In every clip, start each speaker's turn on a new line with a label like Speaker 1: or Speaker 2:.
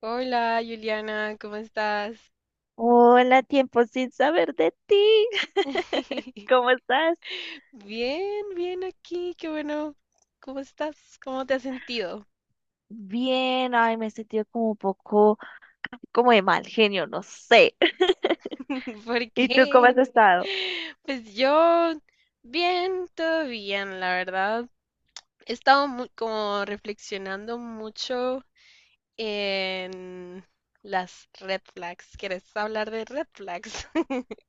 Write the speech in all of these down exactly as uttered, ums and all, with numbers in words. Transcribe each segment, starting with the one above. Speaker 1: Hola, Juliana, ¿cómo estás?
Speaker 2: Hola, tiempo sin saber de ti. ¿Cómo estás?
Speaker 1: Bien, bien aquí, qué bueno. ¿Cómo estás? ¿Cómo te has sentido?
Speaker 2: Bien, ay, me he sentido como un poco, como de mal genio, no sé.
Speaker 1: ¿Por
Speaker 2: ¿Y tú cómo
Speaker 1: qué?
Speaker 2: has estado?
Speaker 1: Pues yo, bien, todo bien, la verdad. He estado mu- como reflexionando mucho en las red flags. ¿Quieres hablar de red flags?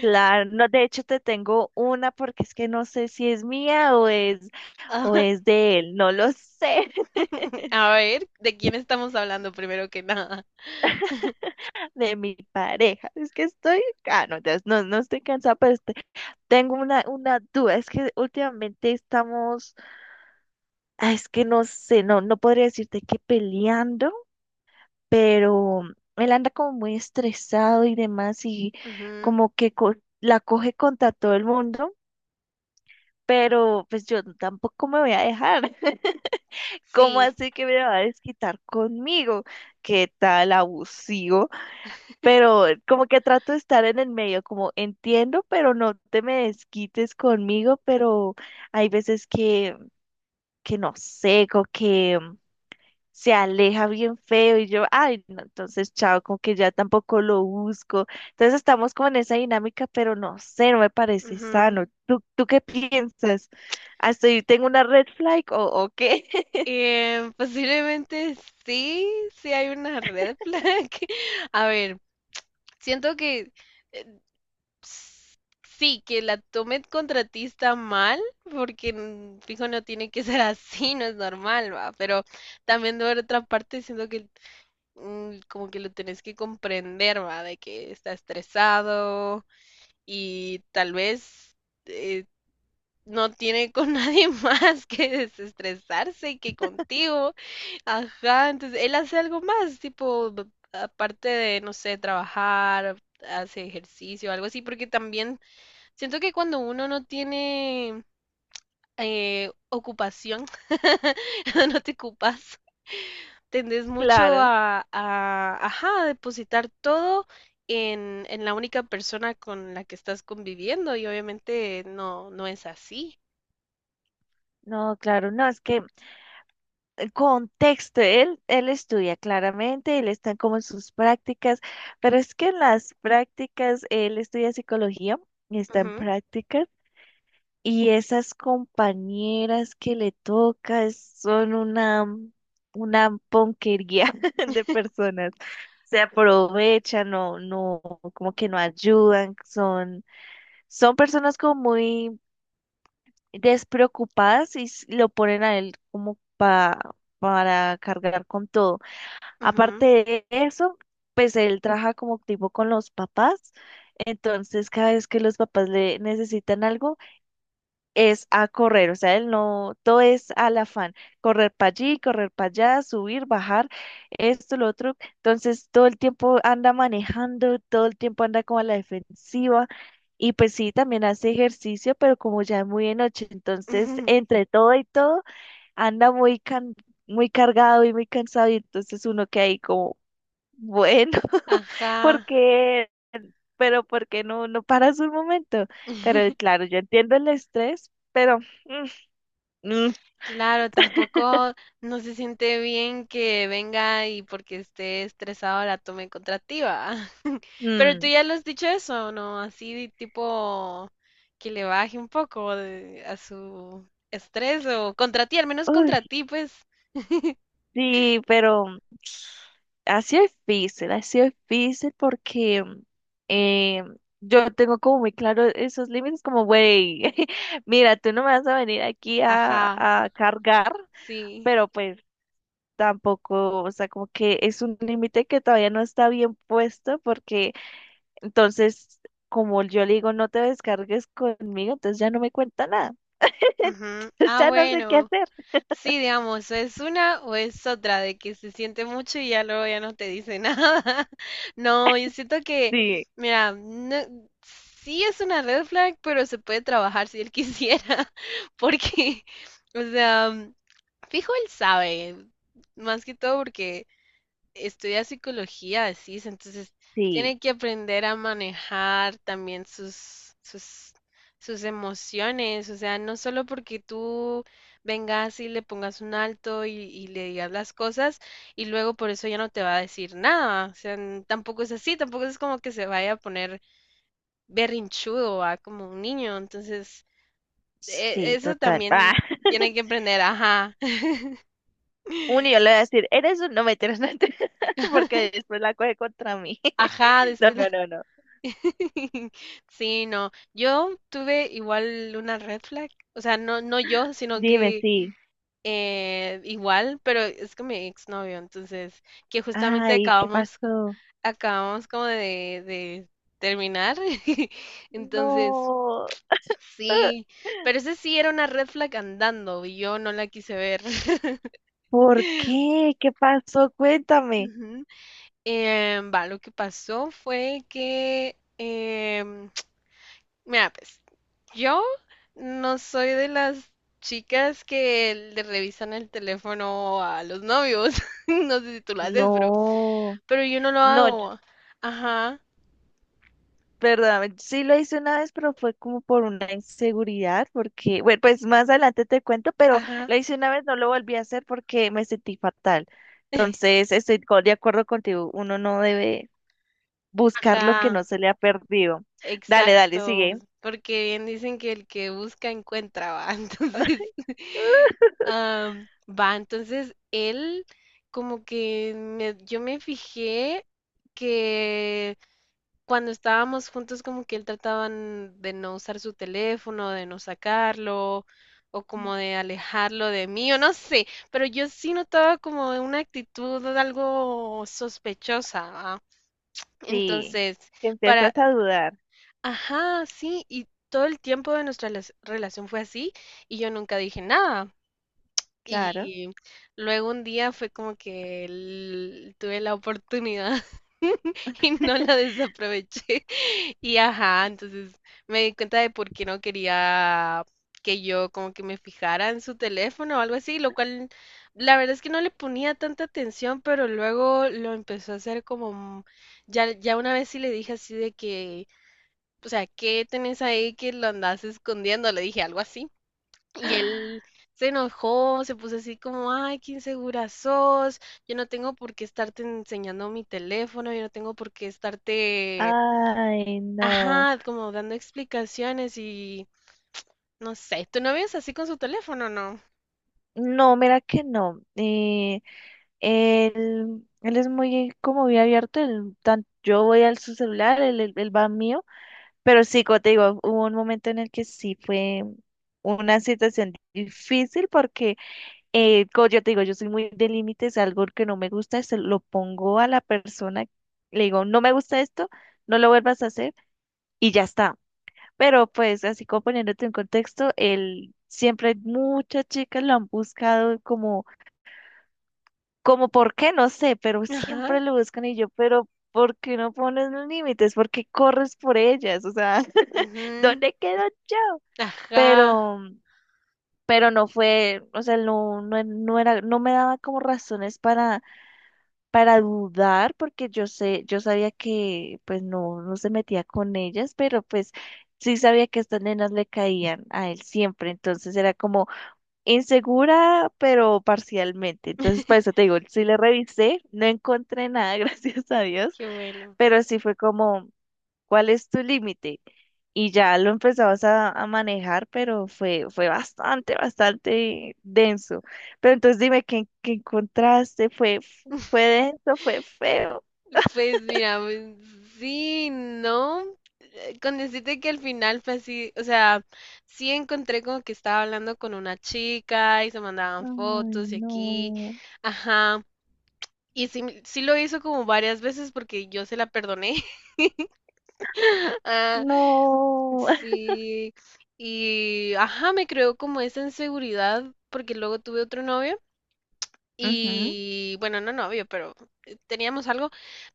Speaker 2: Claro, no, de hecho te tengo una porque es que no sé si es mía o es, o
Speaker 1: Ajá.
Speaker 2: es de él, no lo sé.
Speaker 1: A ver, ¿de quién estamos hablando primero que nada?
Speaker 2: De mi pareja. Es que estoy, ah, no, ya- no, no estoy cansada, pero este- tengo una, una duda. Es que últimamente estamos, ah, es que no sé, no, no podría decirte que peleando. Pero él anda como muy estresado y demás, y
Speaker 1: Ujú.
Speaker 2: como que co- la coge contra todo el mundo, pero pues yo tampoco me voy a dejar. ¿Cómo
Speaker 1: Sí.
Speaker 2: así que me va a desquitar conmigo? ¡Qué tal abusivo! Pero como que trato de estar en el medio, como entiendo, pero no te me desquites conmigo, pero hay veces que, que no sé, como que se aleja bien feo y yo, ay, no, entonces chao, como que ya tampoco lo busco. Entonces estamos como en esa dinámica, pero no sé, no me parece
Speaker 1: Ujú.
Speaker 2: sano. ¿Tú, tú qué piensas? Ah, ¿estoy tengo una red flag o, o qué?
Speaker 1: Eh, posiblemente sí, sí hay una red flag. A ver, siento que eh, s- sí, que la tomen contra ti está mal, porque mm, fijo no tiene que ser así, no es normal, va. Pero también de otra parte siento que mm, como que lo tenés que comprender, va, de que está estresado y tal vez eh, no tiene con nadie más que desestresarse que contigo. Ajá, entonces él hace algo más, tipo, b- aparte de, no sé, trabajar, hace ejercicio, algo así, porque también siento que cuando uno no tiene eh, ocupación, cuando no te ocupas, tendés mucho
Speaker 2: Claro.
Speaker 1: a, a, ajá, a depositar todo en, en la única persona con la que estás conviviendo y obviamente no, no es así.
Speaker 2: No, claro, no, es que el contexto, él, él estudia claramente, él está como en sus prácticas, pero es que en las prácticas, él estudia psicología y está en
Speaker 1: Ujú,
Speaker 2: prácticas. Y esas compañeras que le toca son una, una ponquería de personas. Se aprovechan, no, no, como que no ayudan, son, son personas como muy despreocupadas y s- lo ponen a él como pa, para cargar con todo. Aparte
Speaker 1: ujú,
Speaker 2: de eso, pues él trabaja como tipo con los papás, entonces cada vez que los papás le necesitan algo, es a correr, o sea, él no, todo es al afán, correr para allí, correr para allá, subir, bajar, esto, lo otro, entonces todo el tiempo anda manejando, todo el tiempo anda como a la defensiva y pues sí, también hace ejercicio, pero como ya es muy de noche, entonces
Speaker 1: ujú.
Speaker 2: entre todo y todo anda muy can- muy cargado y muy cansado, y entonces uno queda ahí como, bueno,
Speaker 1: Ajá.
Speaker 2: porque. Pero porque no, no, paras un momento. Pero claro, yo entiendo el estrés, pero mm, Ujú.
Speaker 1: Claro, tampoco no se siente bien que venga y porque esté estresado la tome contra ti, ¿va? Pero tú ya lo has dicho eso, ¿no? Así tipo que le baje un poco de- a su estrés o contra ti, al menos contra
Speaker 2: Uy,
Speaker 1: ti, pues.
Speaker 2: sí, pero ha sido difícil, ha sido difícil porque eh, yo tengo como muy claro esos límites, como, güey, mira, tú no me vas a venir aquí a,
Speaker 1: Ajá,
Speaker 2: a cargar,
Speaker 1: sí.
Speaker 2: pero pues tampoco, o sea, como que es un límite que todavía no está bien puesto porque entonces, como yo le digo, no te descargues conmigo, entonces ya no me cuenta nada.
Speaker 1: Ujú.
Speaker 2: Entonces
Speaker 1: Ah,
Speaker 2: ya no sé qué
Speaker 1: bueno.
Speaker 2: hacer.
Speaker 1: Sí, digamos, o es una o es otra, de que se siente mucho y ya luego ya no te dice nada. No, yo siento que,
Speaker 2: Sí,
Speaker 1: mira, no- sí es una red flag, pero se puede trabajar si él quisiera, porque, o sea, fijo él sabe, más que todo porque estudia psicología, decís, entonces
Speaker 2: sí.
Speaker 1: tiene que aprender a manejar también sus, sus, sus emociones, o sea, no solo porque tú vengas y le pongas un alto y, y le digas las cosas y luego por eso ya no te va a decir nada, o sea, n- tampoco es así, tampoco es como que se vaya a poner berrinchudo, a como un niño, entonces e-
Speaker 2: Sí,
Speaker 1: eso
Speaker 2: total. Ah,
Speaker 1: también tiene que aprender, ajá.
Speaker 2: uno yo le voy a decir, eres un. No, mentiras, no, mentiras, porque después la coge contra mí.
Speaker 1: Ajá,
Speaker 2: No,
Speaker 1: después.
Speaker 2: no, no, no.
Speaker 1: Sí, no. Yo tuve igual una red flag. O sea, no, no yo, sino
Speaker 2: Dime,
Speaker 1: que
Speaker 2: sí.
Speaker 1: eh, igual, pero es que mi exnovio. Entonces, que justamente
Speaker 2: Ay, ¿qué
Speaker 1: acabamos,
Speaker 2: pasó?
Speaker 1: acabamos como de, de terminar. Entonces,
Speaker 2: No. Ah,
Speaker 1: sí. Pero ese sí era una red flag andando y yo no la quise ver.
Speaker 2: ¿por qué? ¿Qué pasó? Cuéntame.
Speaker 1: Ujú. Em, va, lo que pasó fue que, em, mira, pues. Yo no soy de las chicas que le revisan el teléfono a los novios. No sé si tú lo haces, pero,
Speaker 2: No.
Speaker 1: pero yo no lo
Speaker 2: No, yo
Speaker 1: hago. Ajá,
Speaker 2: perdóname, sí lo hice una vez, pero fue como por una inseguridad, porque, bueno, pues más adelante te cuento, pero
Speaker 1: ajá,
Speaker 2: lo hice una vez, no lo volví a hacer porque me sentí fatal. Entonces, estoy co- de acuerdo contigo, uno no debe buscar lo que
Speaker 1: ajá.
Speaker 2: no se le ha perdido. Dale, dale,
Speaker 1: Exacto.
Speaker 2: sigue.
Speaker 1: Porque bien dicen que el que busca encuentra, va. Entonces, am, va. Entonces, él como que me- yo me fijé que cuando estábamos juntos, como que él trataba n- de no usar su teléfono, de no sacarlo, o como de alejarlo de mí, o no sé, pero yo sí notaba como una actitud algo sospechosa, ¿va?
Speaker 2: Sí,
Speaker 1: Entonces,
Speaker 2: que
Speaker 1: para,
Speaker 2: empiezas a dudar,
Speaker 1: ajá, sí, y todo el tiempo de nuestra las- relación fue así, y yo nunca dije nada.
Speaker 2: claro.
Speaker 1: Y luego un día fue como que el- tuve la oportunidad y no la desaproveché. Y ajá, entonces me di cuenta de por qué no quería que yo como que me fijara en su teléfono o algo así, lo cual la verdad es que no le ponía tanta atención, pero luego lo empezó a hacer como mm, ya ya una vez sí le dije así de que, o sea, ¿qué tenés ahí que lo andás escondiendo? Le dije algo así. Y él se enojó, se puso así como, ay, qué insegura sos, yo no tengo por qué estarte enseñando mi teléfono, yo no tengo por qué estarte,
Speaker 2: Ay, no.
Speaker 1: ajá, como dando explicaciones y no sé, ¿tu novio es así con su teléfono, no?
Speaker 2: No, mira que no. Eh, Él, él es muy como muy abierto, él tan- yo voy al su celular, él, él- él va al mío, pero sí, como te digo, hubo un momento en el que sí fue una situación difícil porque, eh, como yo te digo, yo soy muy de límites, algo que no me gusta, se lo pongo a la persona, le digo, no me gusta esto, no lo vuelvas a hacer y ya está. Pero pues así como poniéndote en contexto, él siempre muchas chicas lo han buscado como como por qué, no sé, pero siempre
Speaker 1: Ajá,
Speaker 2: lo buscan y yo, pero ¿por qué no pones los límites? ¿Por qué corres por ellas? O sea,
Speaker 1: ujú,
Speaker 2: ¿dónde quedo yo?
Speaker 1: ajá,
Speaker 2: Pero, pero, no fue, o sea, no, no, no era, no me daba como razones para, para dudar, porque yo sé, yo sabía que pues no, no se metía con ellas, pero pues sí sabía que estas nenas le caían a él siempre, entonces era como insegura, pero parcialmente. Entonces, para eso te digo, sí le revisé, no encontré nada, gracias a Dios,
Speaker 1: qué bueno.
Speaker 2: pero sí fue como, ¿cuál es tu límite? Y ya lo empezabas a, a, manejar, pero fue, fue bastante, bastante denso. Pero entonces dime, ¿qué, qué encontraste? ¿Fue, fue denso? ¿Fue feo?
Speaker 1: Pues mira, pues, sí, no. Eh, con decirte que al final fue así, o sea, sí encontré como que estaba hablando con una chica y se mandaban
Speaker 2: Ay,
Speaker 1: fotos y aquí,
Speaker 2: no,
Speaker 1: ajá. Y sí, me- sí lo hizo como varias veces porque yo se la perdoné. Ah,
Speaker 2: no.
Speaker 1: sí. Y ajá, me creó como esa inseguridad porque luego tuve otro novio.
Speaker 2: Ujú.
Speaker 1: Y bueno, no novio, pero eh, teníamos algo,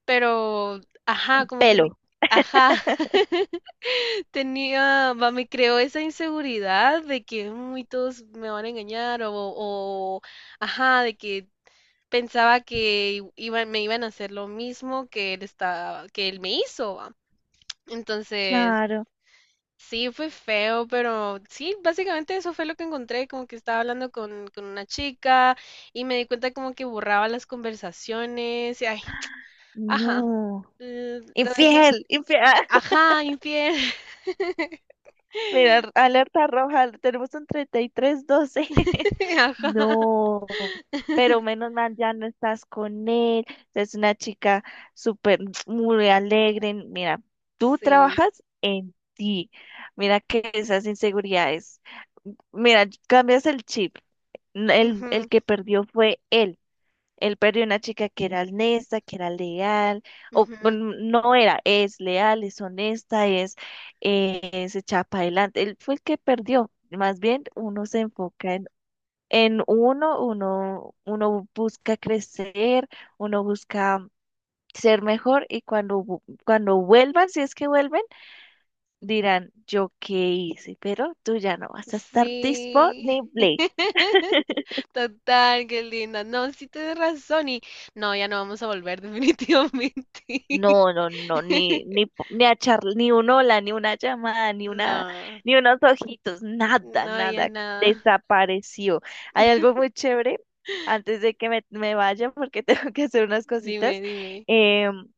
Speaker 1: pero ajá, como que me,
Speaker 2: Pelo.
Speaker 1: ajá, tenía, va, me creó esa inseguridad de que muy todos me van a engañar o, o ajá, de que pensaba que i- iban- me iban a hacer lo mismo que él estaba, que él me hizo, va. Entonces,
Speaker 2: Claro,
Speaker 1: sí, fue feo, pero sí, básicamente eso fue lo que encontré, como que estaba hablando con, con una chica y me di cuenta como que borraba las conversaciones y ay, ajá,
Speaker 2: no.
Speaker 1: l- lo dejé,
Speaker 2: Infiel, infiel.
Speaker 1: ajá, infiel,
Speaker 2: Mira, alerta roja, tenemos un treinta y tres doce.
Speaker 1: ajá,
Speaker 2: No, pero menos mal ya no estás con él. Es una chica súper, muy alegre. Mira, tú
Speaker 1: sí,
Speaker 2: trabajas en ti. Mira que esas inseguridades. Mira, cambias el chip. N- El, el
Speaker 1: ujú,
Speaker 2: que perdió fue él. Él perdió una chica que era honesta, que era leal, o
Speaker 1: ujú,
Speaker 2: bueno, no era, es leal, es honesta, es, eh, se echa para adelante. Él fue el que perdió. Más bien uno se enfoca en, en, uno, uno, uno busca crecer, uno busca ser mejor y cuando, vu- cuando vuelvan, si es que vuelven, dirán, yo qué hice, pero tú ya no vas a estar
Speaker 1: sí,
Speaker 2: disponible.
Speaker 1: total, qué linda, no, sí tienes razón y no, ya no vamos a volver definitivamente,
Speaker 2: No, no, no, ni, ni, p- ni a charla, ni un hola, ni una llamada, ni una,
Speaker 1: no,
Speaker 2: ni unos ojitos, nada,
Speaker 1: no, ya
Speaker 2: nada,
Speaker 1: nada.
Speaker 2: desapareció. Hay algo muy chévere, antes de que me, me vaya, porque tengo que hacer unas
Speaker 1: Dime,
Speaker 2: cositas.
Speaker 1: dime.
Speaker 2: em,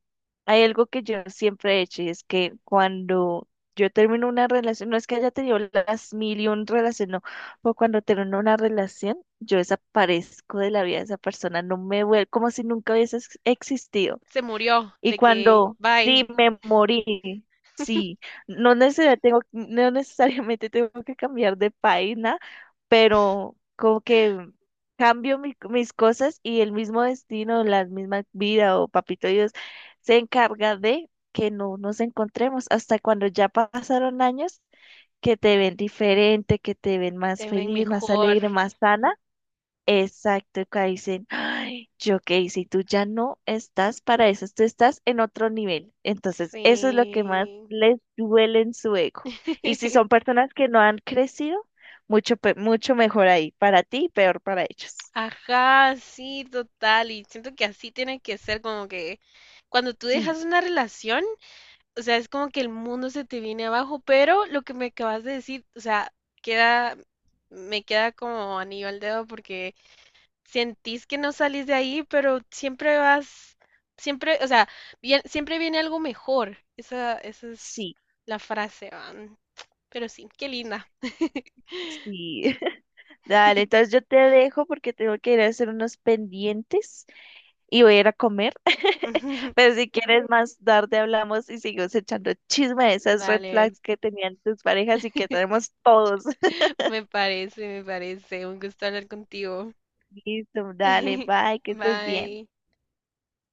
Speaker 2: Hay algo que yo siempre he hecho, y es que cuando yo termino una relación, no es que haya tenido las mil y un relación, no, pero cuando termino una relación, yo desaparezco de la vida de esa persona, no me vuelvo, como si nunca hubiese ex- existido.
Speaker 1: Se murió
Speaker 2: Y
Speaker 1: de que,
Speaker 2: cuando sí
Speaker 1: bye,
Speaker 2: me morí, sí, no necesariamente tengo, no necesariamente tengo que cambiar de página, pero como que cambio mi- mis cosas y el mismo destino, la misma vida o papito Dios se encarga de que no nos encontremos hasta cuando ya pasaron años, que te ven diferente, que te ven más
Speaker 1: te ven
Speaker 2: feliz, más
Speaker 1: mejor.
Speaker 2: alegre, más sana. Exacto, y que dicen, ay, yo qué hice, y tú ya no estás para eso, tú estás en otro nivel. Entonces, eso es lo que más
Speaker 1: Sí.
Speaker 2: les duele en su ego. Y si son personas que no han crecido mucho, pe- mucho mejor ahí, para ti, peor para ellos.
Speaker 1: Ajá, sí, total. Y siento que así tiene que ser como que cuando tú
Speaker 2: Sí,
Speaker 1: dejas una relación, o sea, es como que el mundo se te viene abajo, pero lo que me acabas de decir, o sea, queda, me queda como anillo al dedo porque sentís que no salís de ahí, pero siempre vas, siempre, o sea, bien- siempre viene algo mejor. Esa, esa es
Speaker 2: sí,
Speaker 1: la frase, van. Pero sí, qué linda.
Speaker 2: sí. Dale, entonces yo te dejo porque tengo que ir a hacer unos pendientes, y voy a ir a comer. Pero si quieres más tarde hablamos y seguimos echando chisme de esas red
Speaker 1: Dale,
Speaker 2: flags que tenían tus parejas y que tenemos todos.
Speaker 1: me parece, me parece. Un gusto hablar contigo.
Speaker 2: Listo, dale, bye, que estés bien.
Speaker 1: Bye.